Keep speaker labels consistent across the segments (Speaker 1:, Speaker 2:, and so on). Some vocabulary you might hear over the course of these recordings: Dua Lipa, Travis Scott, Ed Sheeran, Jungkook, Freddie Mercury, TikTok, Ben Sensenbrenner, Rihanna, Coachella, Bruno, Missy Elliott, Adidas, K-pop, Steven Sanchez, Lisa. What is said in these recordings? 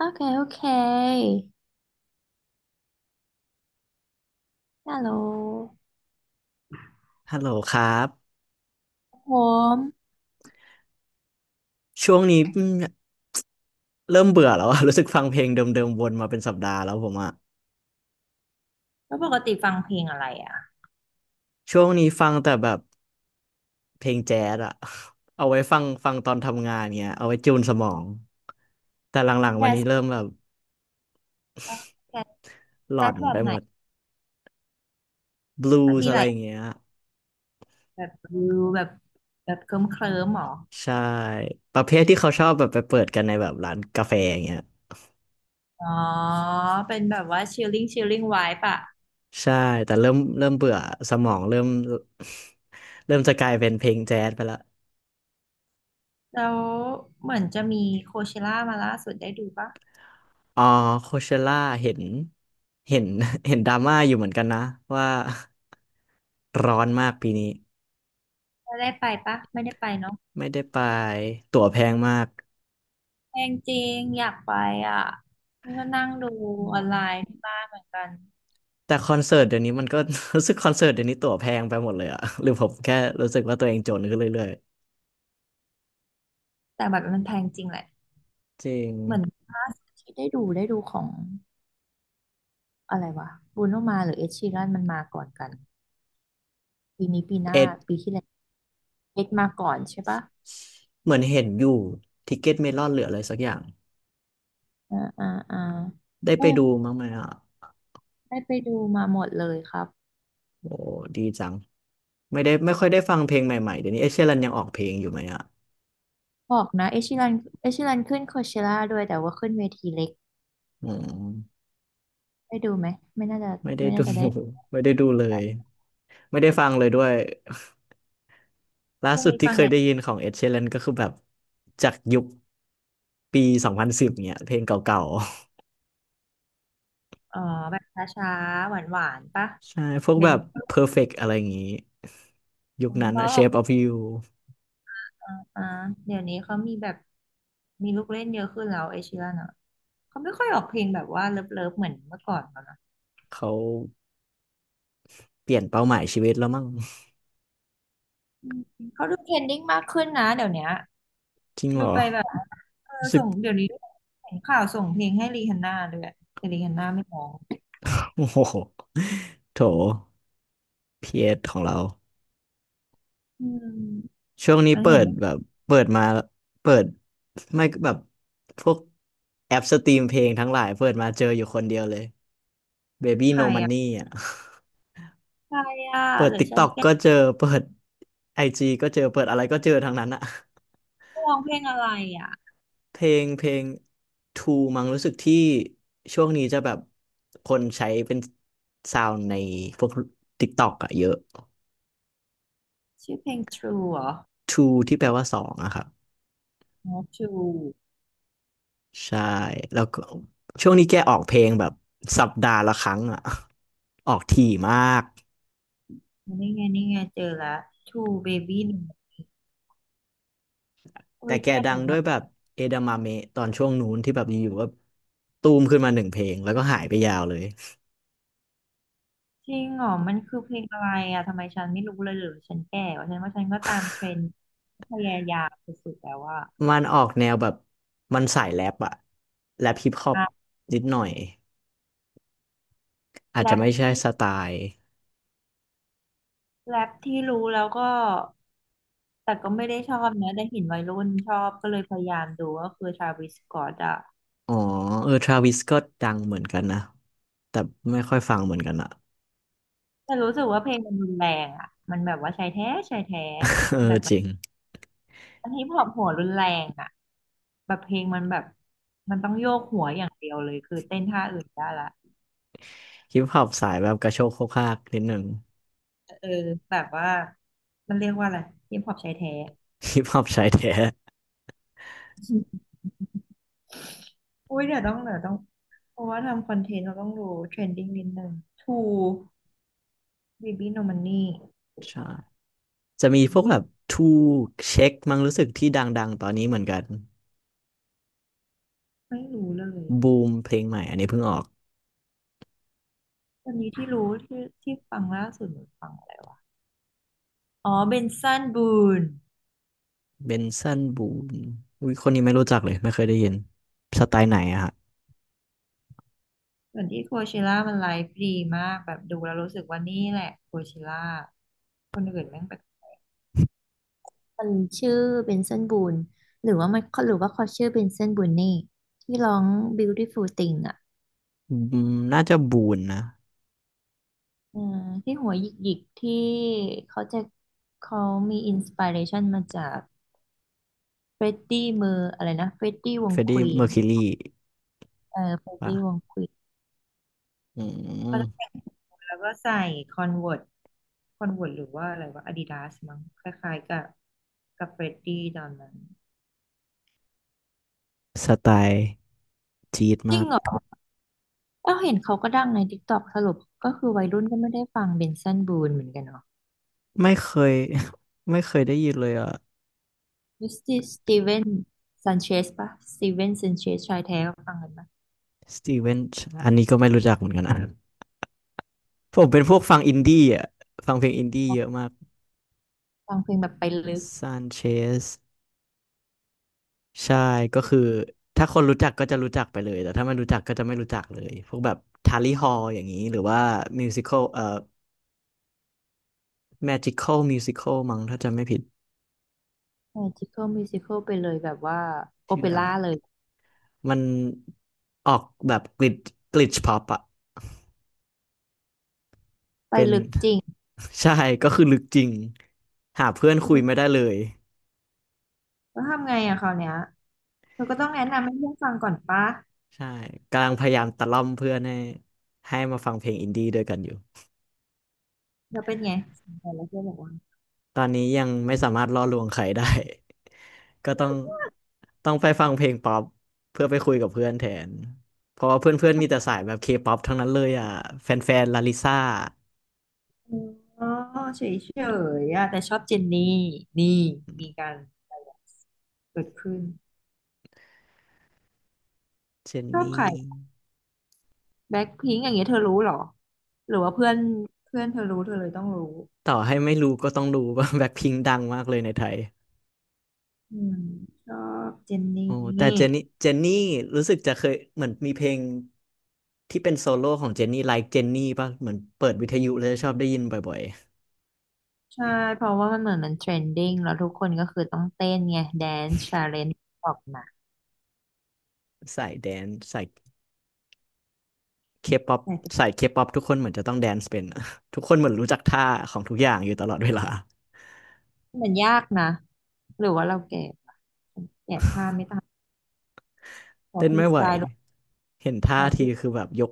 Speaker 1: OK OK ฮัลโหล
Speaker 2: ฮัลโหลครับ
Speaker 1: ผม
Speaker 2: ช่วงนี้เริ่มเบื่อแล้วอะ รู้สึกฟังเพลงเดิมๆวนมาเป็นสัปดาห์แล้วผมอะ
Speaker 1: แล้วปกติฟังเพลงอะไรอ่ะ
Speaker 2: ช่วงนี้ฟังแต่แบบเพลงแจ๊สอะ เอาไว้ฟังตอนทำงานเงี้ยเอาไว้จูนสมองแต่หลังๆวัน
Speaker 1: แจ๊
Speaker 2: นี้
Speaker 1: ส
Speaker 2: เริ่มแบบ
Speaker 1: ปะแจ๊ส
Speaker 2: หล
Speaker 1: แจ๊
Speaker 2: อ
Speaker 1: ส
Speaker 2: น
Speaker 1: แบ
Speaker 2: ไป
Speaker 1: บไหน
Speaker 2: หมดบลู
Speaker 1: มัน
Speaker 2: ส์
Speaker 1: มี
Speaker 2: อะ
Speaker 1: ห
Speaker 2: ไร
Speaker 1: ลาย
Speaker 2: อย่างเงี้ย
Speaker 1: แบบวิวแบบแบบเคลิ้มหรอ
Speaker 2: ใช่ประเภทที่เขาชอบแบบไปเปิดกันในแบบร้านกาแฟอย่างเงี้ย
Speaker 1: อ๋อเป็นแบบว่าชิลลิ่งไวปะ
Speaker 2: ใช่แต่เริ่มเบื่อสมองเริ่ม เริ่มจะกลายเป็นเพลงแจ๊สไปละ
Speaker 1: แล้วเหมือนจะมีโคเชล่ามาล่าสุดได้ดูปะ
Speaker 2: อ๋อโคเชล่าเห็นเห็น เห็นดราม่าอยู่เหมือนกันนะว่า ร้อนมากปีนี้
Speaker 1: ได้ไปปะไม่ได้ไปเนาะ
Speaker 2: ไม่ได้ไปตั๋วแพงมาก
Speaker 1: แพงจริงอยากไปอ่ะนี่ก็นั่งดู
Speaker 2: อื
Speaker 1: ออนไลน์
Speaker 2: ม
Speaker 1: ที่บ้านเหมือนกัน
Speaker 2: แต่คอนเสิร์ตเดี๋ยวนี้มันก็ รู้สึกคอนเสิร์ตเดี๋ยวนี้ตั๋วแพงไปหมดเลยอะ หรือผมแค่รู้สึกว่าตัวเองจนขึ้นเรื่อย
Speaker 1: แต่แบบมันแพงจริงแหละ
Speaker 2: ๆจริง
Speaker 1: เหมือนล่าสุดที่ได้ดูของ อะไรวะบรูโนมาหรือเอ็ชีรันมันมาก่อนกันปีนี้ปีหน้า
Speaker 2: เอ็ด
Speaker 1: ปีที่แล้วเอ็ดมาก่อนใช่ปะ
Speaker 2: เหมือนเห็นอยู่ทิกเก็ตเมลอนเหลืออะไรสักอย่าง
Speaker 1: อ่าอ่าอ่า
Speaker 2: ได้
Speaker 1: เอ
Speaker 2: ไป
Speaker 1: อ
Speaker 2: ดูมั้งไหมอ่ะ
Speaker 1: ได้ไปดูมาหมดเลยครับ
Speaker 2: โอ้ดีจังไม่ได้ไม่ค่อยได้ฟังเพลงใหม่ๆเดี๋ยวนี้เอดเชีรันยังออกเพลงอยู่ไหมอ่ะ
Speaker 1: บอกนะเอ็ชีรันเอ็ชีรันขึ้นโคเชล่าด้วยแต่ว่าขึ้นเวทีเล็ก
Speaker 2: อืม
Speaker 1: ได้ดูไหมไม่น่าจะ
Speaker 2: ไม่ได้
Speaker 1: ไม่
Speaker 2: ดู
Speaker 1: น่าจะได้
Speaker 2: ไม่ได้ดูเลย ไม่ได้ฟังเลยด้วยล่า
Speaker 1: ช่วง
Speaker 2: สุด
Speaker 1: นี้
Speaker 2: ที่
Speaker 1: ฟัง
Speaker 2: เค
Speaker 1: แน
Speaker 2: ย
Speaker 1: ว
Speaker 2: ได้ยินของเอ็ดเช e รนก็คือแบบจากยุคปี2010เนี่ยเพลงเก่า
Speaker 1: อ๋อแบบช้าๆหวานๆปะ
Speaker 2: ๆ ใช่พวก
Speaker 1: เดี๋ย
Speaker 2: แบ
Speaker 1: ว
Speaker 2: บ
Speaker 1: นี้
Speaker 2: Perfect อะไรอย่างงี้ยุ
Speaker 1: เพ
Speaker 2: คนั้
Speaker 1: ราะ
Speaker 2: น
Speaker 1: บ
Speaker 2: นะ
Speaker 1: อก
Speaker 2: Shape of You
Speaker 1: อ่าอ่าเดี๋ยวนี้เขามีแบบมีลูกเล่นเยอะขึ้นแล้วเอ s ชิรันอ่ะเขาไม่ค่อยออกเพลงแบบว่าเลิฟๆเหมือนเมื่อก่อนแล้วนะ
Speaker 2: เขาเปลี่ยนเป้าหมายชีวิตแล้วมั้ง
Speaker 1: อืมเขาดูเทรนดิ้งมากขึ้นนะเดี๋ยวเนี้ย
Speaker 2: จริงเหร
Speaker 1: ดู
Speaker 2: อ
Speaker 1: ไปแบบเออ
Speaker 2: รู้สึก
Speaker 1: ส่งเดี๋ยวนี้เห็นข่าวส่งเพลงให้รีฮันน่าด้วยแต่รีฮันน่าไม่ร้อง
Speaker 2: โอ้โหโถพีเอสของเรา
Speaker 1: อืม
Speaker 2: ช่วงนี้
Speaker 1: มัน
Speaker 2: เปิ
Speaker 1: เห็น
Speaker 2: ดแบบเปิดมาเปิดไม่ก็แบบพวกแอปสตรีมเพลงทั้งหลายเปิดมาเจออยู่คนเดียวเลย Baby
Speaker 1: ใคร
Speaker 2: No
Speaker 1: อ่ะ
Speaker 2: Money อ่ะ
Speaker 1: ใครอ่ะ
Speaker 2: เปิด
Speaker 1: หรือฉัน
Speaker 2: TikTok
Speaker 1: แก้
Speaker 2: ก็เจอเปิด IG ก็เจอเปิดอะไรก็เจอทั้งนั้นอะ
Speaker 1: ตร้องเพลงอะไรอ่ะ
Speaker 2: เพลง Two มั้งรู้สึกที่ช่วงนี้จะแบบคนใช้เป็นซาวด์ในพวก TikTok อะเยอะ
Speaker 1: ชื่อเพลง True เหรอ
Speaker 2: Two ที่แปลว่าสองอะครับ
Speaker 1: อ๋อ True
Speaker 2: ใช่แล้วก็ช่วงนี้แกออกเพลงแบบสัปดาห์ละครั้งอะ ออกถี่มาก
Speaker 1: นี่ไงเจอแล้ว True Baby 1โอ้
Speaker 2: แต่
Speaker 1: ย
Speaker 2: แก
Speaker 1: แก่
Speaker 2: ดังด้ว
Speaker 1: มา
Speaker 2: ย
Speaker 1: ก
Speaker 2: แบบเอดาม m เมะตอนช่วงนู้นที่แบบอยู่ๆก็ตูมขึ้นมาหนึ่งเพลงแล้วก็หายไปยาวเลย
Speaker 1: จริงเหรอมันคือเพลงอะไรอ่ะทำไมฉันไม่รู้เลยหรือฉันแก่วะฉันว่าฉันก็ตามเทรนด์พยายามสุดๆแล้วว่า
Speaker 2: มันออกแนวแบบมันสายแรปอะแรปฮิปฮอป
Speaker 1: อ่ะ
Speaker 2: นิดหน่อยอาจ
Speaker 1: แร
Speaker 2: จะ
Speaker 1: ป
Speaker 2: ไม่ใช่
Speaker 1: ที่
Speaker 2: สไตล์
Speaker 1: แรปที่รู้แล้วก็แต่ก็ไม่ได้ชอบนะแต่เห็นวัยรุ่นชอบก็เลยพยายามดูก็คือทราวิสสก็อตอะ
Speaker 2: อ๋อเออทราวิสก็ดังเหมือนกันนะแต่ไม่ค่อยฟังเหมือนกันอะ
Speaker 1: แต่รู้สึกว่าเพลงมันรุนแรงอะมันแบบว่าชายแท้
Speaker 2: เออจริง
Speaker 1: อันนี้พอปหัวรุนแรงอะแบบเพลงมันแบบมันต้องโยกหัวอย่างเดียวเลยคือเต้นท่าอื่นได้ละ
Speaker 2: ฮิปฮอปสายแบบกระโชกโคกฮากนิดหนึ่ง
Speaker 1: เออแบบว่ามันเรียกว่าอะไรฮิปฮอปชายแท้
Speaker 2: ฮิปฮอปชายแท้
Speaker 1: อุ้ยเดี๋ยวต้องเพราะว่าทำคอนเทนต์เราต้องรู้เทรนดิ้งนิดนึงทูบีบีโนมันนี่
Speaker 2: ใช่จะมีพวกแบบทูเช็คมั้งรู้สึกที่ดังๆตอนนี้เหมือนกัน
Speaker 1: ไม่รู้เลย
Speaker 2: บูมเพลงใหม่อันนี้เพิ่งออก
Speaker 1: ตอนนี้ที่รู้ที่ฟังล่าสุดหนูฟังอะไรวะ อ๋อเบนซันบูน
Speaker 2: เบนซันบูมอุ้ยคนนี้ไม่รู้จักเลยไม่เคยได้ยินสไตล์ไหนอะฮะ
Speaker 1: เหมือนที่โคเชล่ามันไลฟ์ดีมากแบบดูแล้วรู้สึกว่านี่แหละโคเชล่าคนอื่นแม่งแบบมันชื่อเบนเซนบูนหรือว่าเขาชื่อเบนเซนบูนนี่ที่ร้อง Beautiful Thing อ่ะ
Speaker 2: อืมน่าจะบูนนะ
Speaker 1: อืมที่หัวหยิกๆที่เขาจะเขามีอินสปิเรชันมาจากเฟรดดี้มืออะไรนะเฟรดดี้ว
Speaker 2: เฟ
Speaker 1: ง
Speaker 2: รด
Speaker 1: ค
Speaker 2: ดี้
Speaker 1: วี
Speaker 2: เมอ
Speaker 1: น
Speaker 2: ร์คิวรี
Speaker 1: เออเฟรด
Speaker 2: ป่ะ
Speaker 1: ดี้วงควีน
Speaker 2: อื
Speaker 1: แล้วก
Speaker 2: ม
Speaker 1: ็แล้วก็ใส่คอนเวิร์ตคอนเวิร์ตหรือว่าอะไรว่าอาดิดาสมั้งคล้ายๆกับเฟรดดี้ตอนนั้น
Speaker 2: สไตล์จี๊ด
Speaker 1: จริ
Speaker 2: มา
Speaker 1: ง
Speaker 2: ก
Speaker 1: เหรอเอ้าเห็นเขาก็ดังใน TikTok สรุปก็คือวัยรุ่นก็ไม่ได้ฟังเบนซันบูนเหมือนกันเนาะ
Speaker 2: ไม่เคย ไม่เคยได้ยินเลยอ่ะ
Speaker 1: มิสติสตีเวนซันเชสปะสตีเวนซันเชสชายแท้ก็ฟังกันปะ
Speaker 2: สตีเวนอันนี้ก็ไม่รู้จักเหมือนกันนะ ผมเป็นพวกฟังอินดี้อ่ะฟังเพลงอินดี้เยอะมาก
Speaker 1: ฟังเพลงแบบไปลึก
Speaker 2: ซานเชสใช่ก็คือถ้าคนรู้จักก็จะรู้จักไปเลยแต่ถ้าไม่รู้จักก็จะไม่รู้จักเลยพวกแบบทาลีฮอลอย่างนี้หรือว่ามิวสิค l ลแมจิคอลมิวสิคอลมั้งถ้าจำไม่ผิด
Speaker 1: ใช่จิคเกิลมิวสิคอลไปเลยแบบว่าโอ
Speaker 2: ชื่อ
Speaker 1: เป
Speaker 2: อะ
Speaker 1: ร่า
Speaker 2: ไร
Speaker 1: เลย
Speaker 2: มันออกแบบกลิดกลิชพ็อปอะ
Speaker 1: ไป
Speaker 2: เป็น
Speaker 1: ลึกจริง
Speaker 2: ใช่ก็คือลึกจริงหาเพื่อนคุยไม่ได้เลย
Speaker 1: แล้วทำไงอะคราวเนี้ยเธอก็ต้องแนะนำให้เพื่อนฟังก่อนปะ
Speaker 2: ใช่กำลังพยายามตะล่อมเพื่อนให้มาฟังเพลงอินดี้ด้วยกันอยู่
Speaker 1: เราเป็นไงสนใจแล้วเพื่อนบอกว่า
Speaker 2: ตอนนี้ยังไม่สามารถล่อลวงใครได้ ก็ต้องไปฟังเพลงป๊อปเพื่อไปคุยกับเพื่อนแทนเพราะว่าเพื่อนๆมีแต่สายแบบเคป๊อปทั้งนั้นเลยอ่ะแฟนๆลาลิซ่า
Speaker 1: อ๋อเฉยๆอะแต่ชอบเจนนี่นี่มีการเกิดขึ้น
Speaker 2: เจน
Speaker 1: ชอบ
Speaker 2: นี่
Speaker 1: ใครแบ็คพิงอย่างเงี้ยเธอรู้เหรอหรือว่าเพื่อนเพื่อนเธอรู้เธอเลยต้องรู้
Speaker 2: ต่อให้ไม่รู้ก็ต้องรู้ว่า แบ็คพิงดังมากเลยในไทย
Speaker 1: อืมชอบเจนนี
Speaker 2: โอ้แต่
Speaker 1: ่
Speaker 2: เจนนี่รู้สึกจะเคยเหมือนมีเพลงที่เป็นโซโล่ของเจนนี่ like เจนนี่ป่ะเหมือนเปิดวิทยุแล้วชอบได้ยินบ่อย
Speaker 1: ใช่เพราะว่ามันเหมือนมันเทรนดิ้งแล้วทุกคนก็คือต้องเต้นไงแดน c ์ชาเลนจ์ออกมา
Speaker 2: ๆสายแดนสายเคป๊อป
Speaker 1: แต่
Speaker 2: ทุกคนเหมือนจะต้องแดนซ์เป็นอะ ทุกคนเหมือนรู้จักท่าของทุกอย่างอยู่ตลอดเวลา
Speaker 1: มันยากนะหรือว่าเราแก่ปะแก่ท่าไม่ทันพ อ
Speaker 2: เต้น
Speaker 1: พี่
Speaker 2: ไม่
Speaker 1: ส
Speaker 2: ไหว
Speaker 1: ไตล์
Speaker 2: เห็น
Speaker 1: พ
Speaker 2: ท่า
Speaker 1: อฟ
Speaker 2: ที
Speaker 1: รี
Speaker 2: คือแบบยก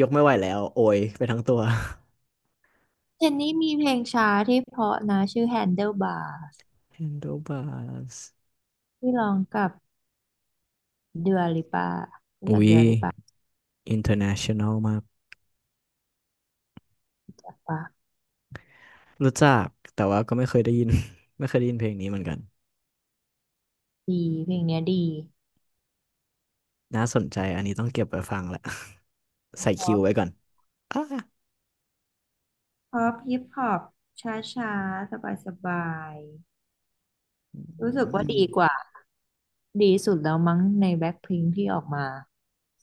Speaker 2: ไม่ไหวแล้วโอยไปทั้งตัว
Speaker 1: เจนนี่มีเพลงช้าที่เพราะนะชื่อ Handlebars
Speaker 2: Handlebars
Speaker 1: ที่ร้องกับเดือลิปารู้
Speaker 2: อุ้
Speaker 1: จัก
Speaker 2: ย
Speaker 1: เดือลิปา
Speaker 2: international มาก
Speaker 1: ปะ
Speaker 2: รู้จักแต่ว่าก็ไม่เคยได้ยิน ไม่เคยได้ยินเพลงนี้เหมือนกัน
Speaker 1: ดีเพลงเนี้ยดี
Speaker 2: น่าสนใจอันนี้ต้องเก็บไว้ฟังแหละ ใส่
Speaker 1: พอ
Speaker 2: คิวไว้
Speaker 1: ป
Speaker 2: ก่อนอ่า
Speaker 1: พอปฮิปฮอปช้าช้าสบายสบายๆรู้สึก
Speaker 2: อื
Speaker 1: ว่า
Speaker 2: ม
Speaker 1: ดีกว่าดีสุดแล้วมั้งในแบ็คพิงที่ออกมา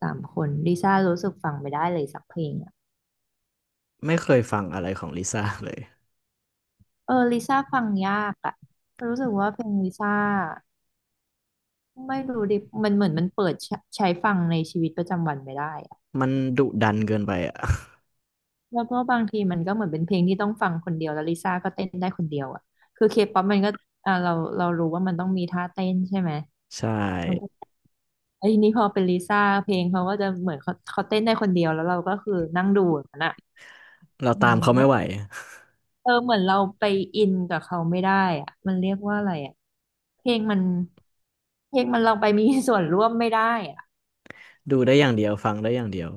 Speaker 1: 3 คนลิซ่ารู้สึกฟังไม่ได้เลยสักเพลงอะ
Speaker 2: ไม่เคยฟังอะไรของลิซ่าเลย
Speaker 1: เออลิซ่าฟังยากอะรู้สึกว่าเพลงลิซ่าไม่รู้ดิมันเหมือนมันเปิดใช้ฟังในชีวิตประจำวันไม่ได้
Speaker 2: มันดุดันเกินไปอ่ะ
Speaker 1: แล้วก็บางทีมันก็เหมือนเป็นเพลงที่ต้องฟังคนเดียวแล้วลิซ่าก็เต้นได้คนเดียวอ่ะคือเคป๊อปมันก็อ่าเรารู้ว่ามันต้องมีท่าเต้นใช่ไหม
Speaker 2: ใช่
Speaker 1: มันก็ไอ้ยนี่พอเป็นลิซ่าเพลงเขาก็จะเหมือนเขาเต้นได้คนเดียวแล้วเราก็คือนั่งดูอย่างนั้นอ่ะ
Speaker 2: เรา
Speaker 1: มั
Speaker 2: ตา
Speaker 1: น
Speaker 2: มเขา
Speaker 1: ไม่
Speaker 2: ไม่ไหว
Speaker 1: เออเหมือนเราไปอินกับเขาไม่ได้อ่ะมันเรียกว่าอะไรอ่ะเพลงมันเพลงมันเราไปมีส่วนร่วมไม่ได้อ่ะ
Speaker 2: ดูได้อย่างเดียวฟังได้อย่างเดียว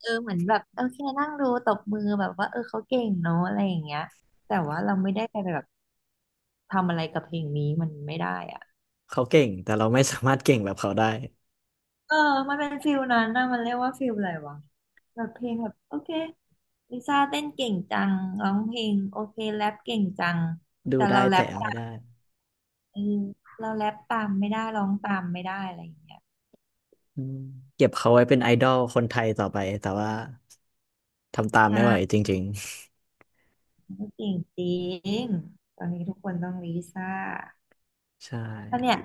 Speaker 1: เออเหมือนแบบโอเคนั่งดูตบมือแบบว่าเออเขาเก่งเนาะอะไรอย่างเงี้ยแต่ว่าเราไม่ได้ไปแบบ ทำอะไรกับเพลงนี้มันไม่ได้อ่ะ
Speaker 2: เขาเก่งแต่เราไม่สามารถเก่งแบบเขาได้
Speaker 1: เออมันเป็นฟิลนั้นนะมันเรียกว่าฟิลอะไรวะแบบเพลงแบบโอเคลิซ่าเต้นเก่งจังร้องเพลงโอเคแรปเก่งจัง
Speaker 2: ดู
Speaker 1: แต่
Speaker 2: ได้
Speaker 1: เราแร
Speaker 2: แต่
Speaker 1: ป
Speaker 2: ไม่
Speaker 1: ตา
Speaker 2: ได้
Speaker 1: มเออเราแรปตามไม่ได้ร้องตามไม่ได้อะไรอย่างเงี้ย
Speaker 2: อืมเก็บเขาไว้เป็นไอดอลคนไทยต่อไปแต่ว่าทำตามไม่ไหว
Speaker 1: ใช่
Speaker 2: จริง
Speaker 1: ก็เก่งจริงตอนนี้ทุกคนต้องลิซ่า
Speaker 2: ๆใช่
Speaker 1: ถ้าเนี่ย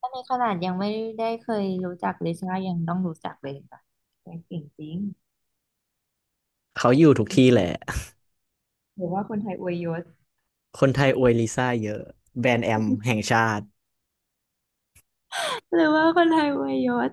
Speaker 1: ถ้าในขนาดยังไม่ได้เคยรู้จักลิซ่ายังต้องรู้จักเลยค่ะแกเก่งจริง
Speaker 2: เขาอยู่ทุกที่แหละ
Speaker 1: หรือว่าคนไทยอวยยศ
Speaker 2: คนไทยอวยลิซ่าเยอะแบรนด์แอมแห่งชาติ
Speaker 1: หรือว่าคนไทยอวยยศ